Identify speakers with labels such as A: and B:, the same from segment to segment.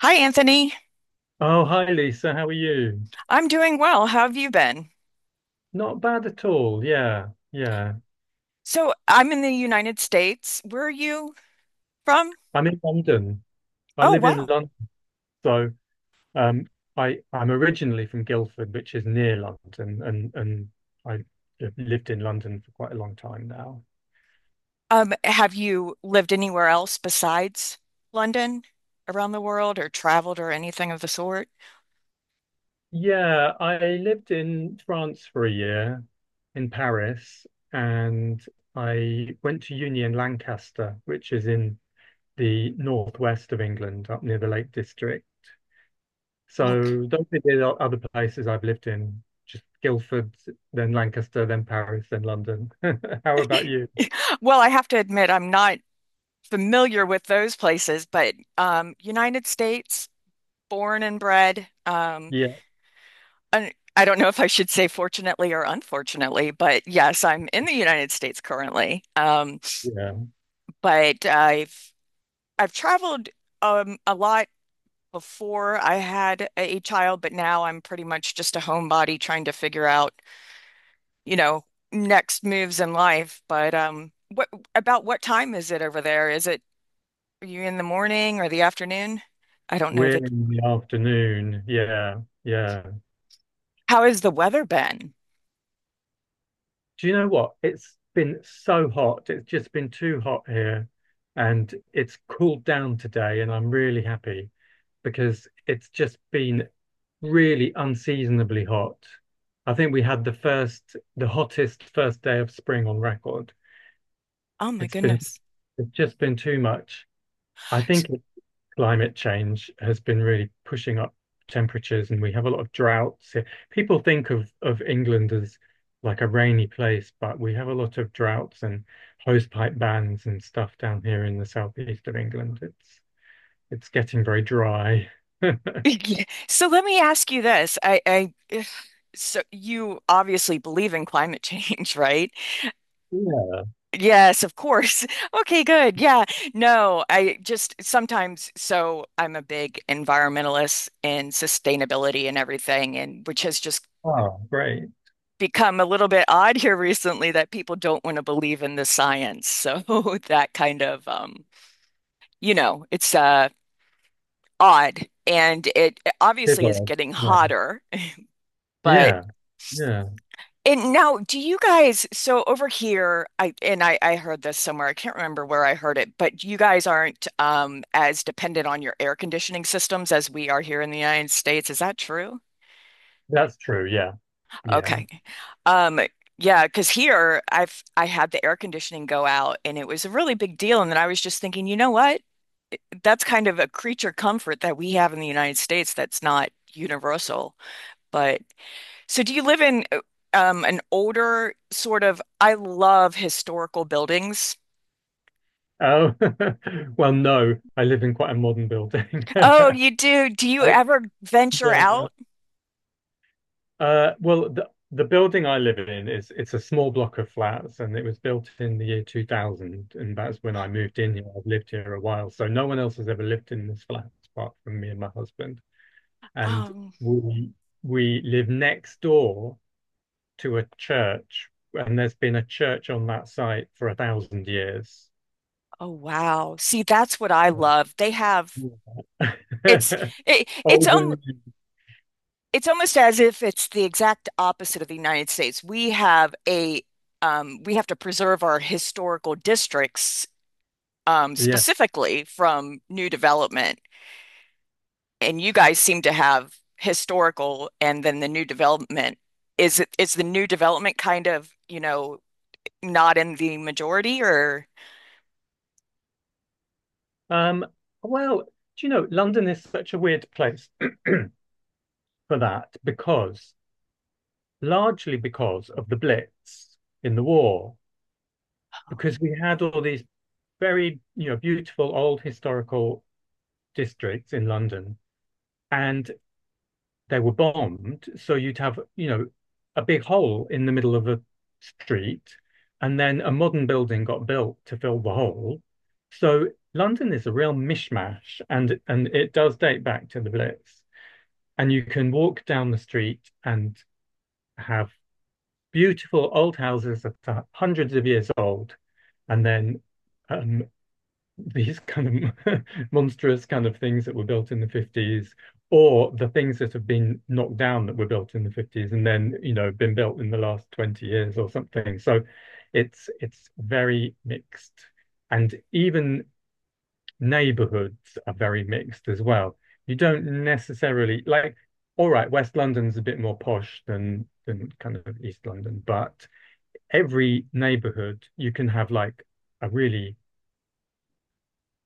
A: Hi, Anthony.
B: Oh, hi Lisa, how are you?
A: I'm doing well. How have you been?
B: Not bad at all. Yeah, yeah.
A: So, I'm in the United States. Where are you from?
B: I'm in London. I
A: Oh,
B: live in
A: wow.
B: London, so um, I I'm originally from Guildford, which is near London, and I have lived in London for quite a long time now.
A: Have you lived anywhere else besides London around the world or traveled or anything of the sort?
B: Yeah, I lived in France for a year, in Paris, and I went to uni in Lancaster, which is in the northwest of England, up near the Lake District.
A: Okay.
B: So those are the other places I've lived in, just Guildford, then Lancaster, then Paris, then London. How about you?
A: Well, I have to admit, I'm not familiar with those places, but United States, born and bred.
B: Yeah,
A: I don't know if I should say fortunately or unfortunately, but yes, I'm in the United States currently.
B: yeah.
A: But I've traveled a lot before I had a child, but now I'm pretty much just a homebody trying to figure out, you know, next moves in life. But what about what time is it over there? Is it are you in the morning or the afternoon? I don't know
B: We're
A: that.
B: in the afternoon. Yeah, yeah.
A: How has the weather been?
B: Do you know what? It's been so hot. It's just been too hot here. And it's cooled down today, and I'm really happy because it's just been really unseasonably hot. I think we had the first, the hottest first day of spring on record.
A: Oh my
B: It's been
A: goodness.
B: it's just been too much. I think climate change has been really pushing up temperatures, and we have a lot of droughts here. People think of England as like a rainy place, but we have a lot of droughts and hosepipe bans and stuff down here in the southeast of England. It's getting very dry.
A: So let me ask you this. I so you obviously believe in climate change, right?
B: Yeah.
A: Yes, of course. Okay, good. Yeah. No, I just sometimes, so I'm a big environmentalist and sustainability and everything, and which has just
B: Oh, great.
A: become a little bit odd here recently that people don't want to believe in the science. So that kind of, it's odd. And it
B: It
A: obviously is
B: was.
A: getting
B: Yeah.
A: hotter, but
B: Yeah. Yeah.
A: and now, do you guys, so over here, I heard this somewhere. I can't remember where I heard it, but you guys aren't as dependent on your air conditioning systems as we are here in the United States. Is that true?
B: That's true. Yeah. Yeah.
A: Okay. Um, yeah, because here I had the air conditioning go out and it was a really big deal. And then I was just thinking, you know what? That's kind of a creature comfort that we have in the United States that's not universal. But. So do you live in an older sort of, I love historical buildings.
B: Oh, well, no, I live in quite a modern building.
A: Oh,
B: I,
A: you do. Do you ever venture
B: yeah.
A: out?
B: Well, the building I live in is it's a small block of flats, and it was built in the year 2000, and that's when I moved in here. I've lived here a while, so no one else has ever lived in this flat apart from me and my husband. And
A: Um,
B: we we live next door to a church, and there's been a church on that site for 1,000 years.
A: oh wow. See, that's what I love. They have it's it, it's um
B: Older,
A: it's almost as if it's the exact opposite of the United States. We have a we have to preserve our historical districts
B: yeah.
A: specifically from new development. And you guys seem to have historical and then the new development. Is it is the new development kind of, not in the majority or
B: Um, well, do you know, London is such a weird place for that because largely because of the Blitz in the war, because we had all these very beautiful old historical districts in London, and they were bombed. So you'd have a big hole in the middle of a street, and then a modern building got built to fill the hole. So London is a real mishmash, and it does date back to the Blitz. And you can walk down the street and have beautiful old houses that are hundreds of years old, and then um, these kind of monstrous kind of things that were built in the 50s, or the things that have been knocked down that were built in the 50s and then, been built in the last 20 years or something. So it's very mixed. And even neighborhoods are very mixed as well. You don't necessarily like, all right, West London's a bit more posh than kind of East London, but every neighborhood you can have like a really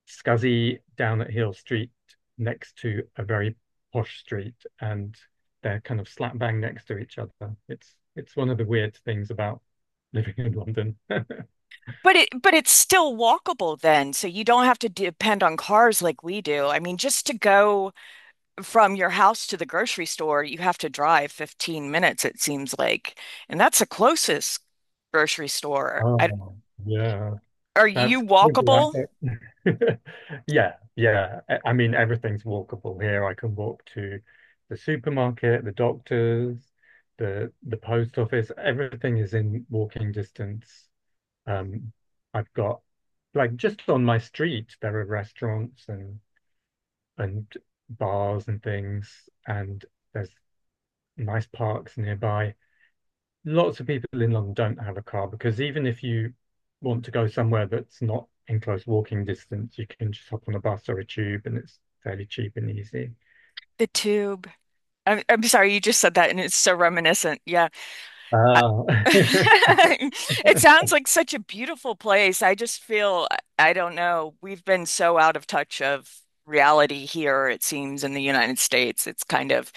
B: scuzzy down at heel street next to a very posh street and they're kind of slap bang next to each other. It's one of the weird things about living in London.
A: but it's still walkable then, so you don't have to depend on cars like we do. I mean, just to go from your house to the grocery store, you have to drive 15 minutes, it seems like. And that's the closest grocery store. I,
B: Oh, yeah,
A: are you
B: that's crazy, I
A: walkable?
B: think. Yeah, yeah. I mean, everything's walkable here. I can walk to the supermarket, the doctors, the post office. Everything is in walking distance. Um, I've got like just on my street there are restaurants and and bars and things, and there's nice parks nearby. Lots of people in London don't have a car because even if you want to go somewhere that's not in close walking distance, you can just hop on a bus or a tube and it's fairly cheap and easy.
A: The tube. I'm sorry, you just said that and it's so reminiscent. Yeah. I-
B: Oh,
A: It sounds like such a beautiful place. I just feel, I don't know, we've been so out of touch of reality here, it seems, in the United States. It's kind of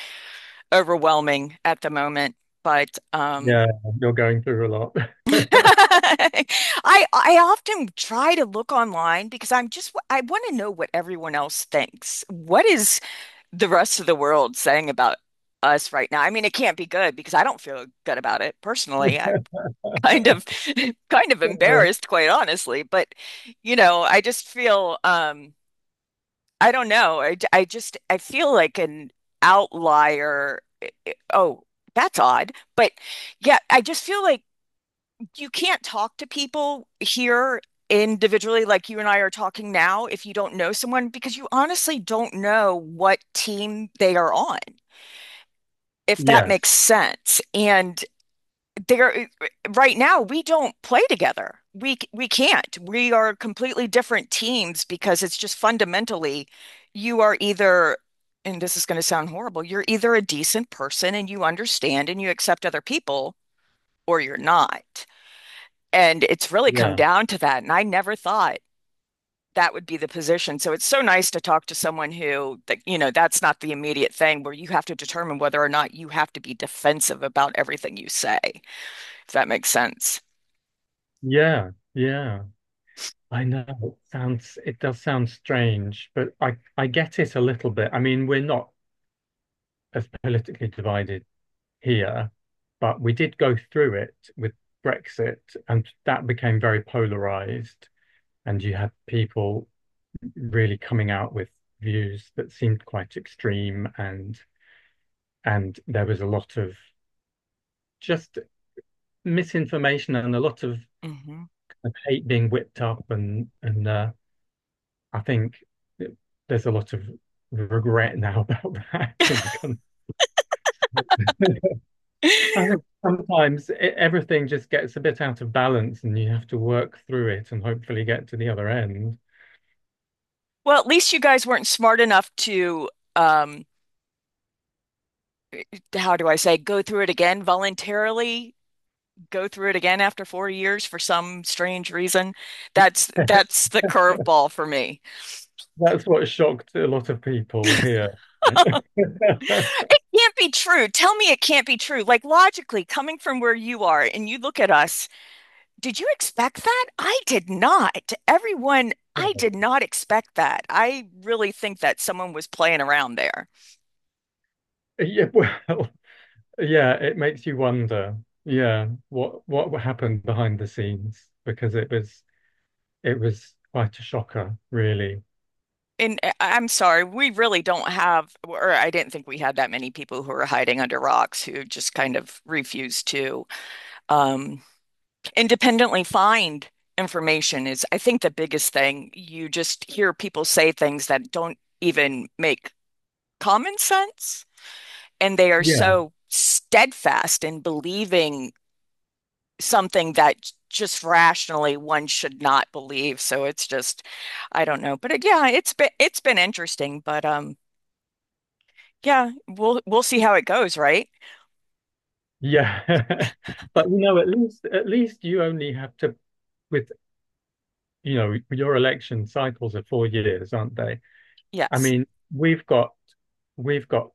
A: overwhelming at the moment. But
B: yeah, you're going through a lot.
A: I often try to look online because I want to know what everyone else thinks. What is the rest of the world saying about us right now? I mean, it can't be good because I don't feel good about it personally kind of kind of
B: Uh,
A: embarrassed, quite honestly. But you know, I just feel I don't know. I feel like an outlier. Oh, that's odd. But yeah, I just feel like you can't talk to people here individually like you and I are talking now if you don't know someone because you honestly don't know what team they are on, if that makes
B: yes,
A: sense. And there eh, right now we don't play together. We can't. We are completely different teams because it's just fundamentally you are either and this is going to sound horrible, you're either a decent person and you understand and you accept other people or you're not. And it's really come
B: yeah,
A: down to that. And I never thought that would be the position. So it's so nice to talk to someone who that you know that's not the immediate thing where you have to determine whether or not you have to be defensive about everything you say, if that makes sense.
B: yeah, yeah. I know it does sound strange, but I get it a little bit. I mean, we're not as politically divided here, but we did go through it with Brexit, and that became very polarized, and you had people really coming out with views that seemed quite extreme, and there was a lot of just misinformation and a lot of
A: Hmm.
B: hate being whipped up and I think th- there's a lot of regret now about that in the country. I think sometimes everything just gets a bit out of balance and you have to work through it and hopefully get to the other end.
A: Well, at least you guys weren't smart enough to, how do I say, go through it again voluntarily, go through it again after 4 years for some strange reason. That's that's the curveball for me.
B: That's what shocked a lot of people here.
A: It can't be true. Tell me it can't be true. Like logically, coming from where you are and you look at us, did you expect that? I did not. Everyone, I did not expect that. I really think that someone was playing around there.
B: Yeah, well, yeah, it makes you wonder, yeah, what happened behind the scenes because it was quite a shocker, really.
A: And I'm sorry, we really don't have, or I didn't think we had that many people who are hiding under rocks who just kind of refuse to um, independently find information is, I think, the biggest thing. You just hear people say things that don't even make common sense and they are
B: Yeah.
A: so steadfast in believing something that just rationally one should not believe. So it's just, I don't know. But it, yeah, it's been interesting. But yeah, we'll see how it goes, right?
B: Yeah. But at least you only have to with your election cycles are 4 years, aren't they? I
A: Yes.
B: mean, we've got we've got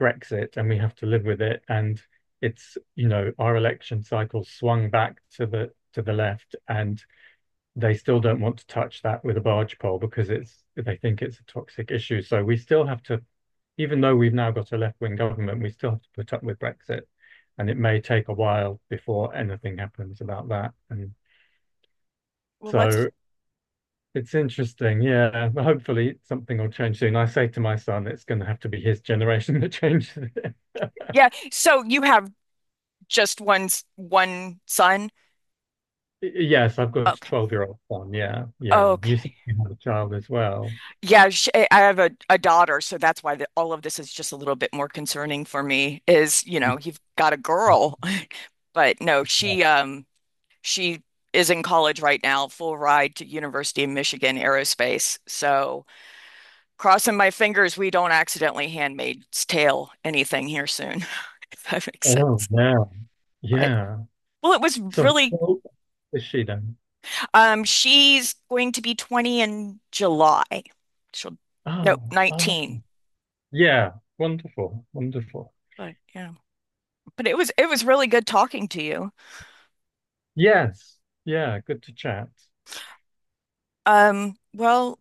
B: Brexit and we have to live with it and it's our election cycle swung back to the left and they still don't want to touch that with a barge pole because it's they think it's a toxic issue. So we still have to even though we've now got a left-wing government, we still have to put up with Brexit, and it may take a while before anything happens about that. And
A: Well, let's.
B: so it's interesting, yeah. Hopefully something will change soon. I say to my son, it's going to have to be his generation that changes it.
A: Yeah. So you have just one son.
B: Yes, I've got a
A: Okay.
B: 12-year-old son. Yeah, yeah. You
A: Okay.
B: said you had a child as well.
A: Yeah, sh I have a daughter, so that's why the, all of this is just a little bit more concerning for me is, you know, you've got a girl. But no,
B: Yeah.
A: she is in college right now, full ride to University of Michigan Aerospace. So crossing my fingers we don't accidentally Handmaid's Tale anything here soon, if that makes
B: Oh,
A: sense.
B: yeah.
A: But
B: Yeah.
A: well, it was
B: So how
A: really.
B: old is she then?
A: She's going to be 20 in July. She'll No,
B: Oh,
A: 19.
B: yeah. Wonderful, wonderful.
A: But yeah. But it was really good talking to you.
B: Yes. Yeah. Good to chat.
A: Well,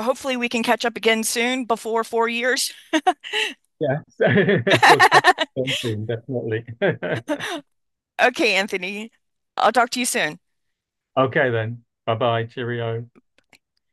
A: hopefully we can catch up again soon before 4 years.
B: Yes. We'll catch up soon, definitely.
A: Okay, Anthony. I'll talk to you soon.
B: Okay then. Bye bye. Cheerio.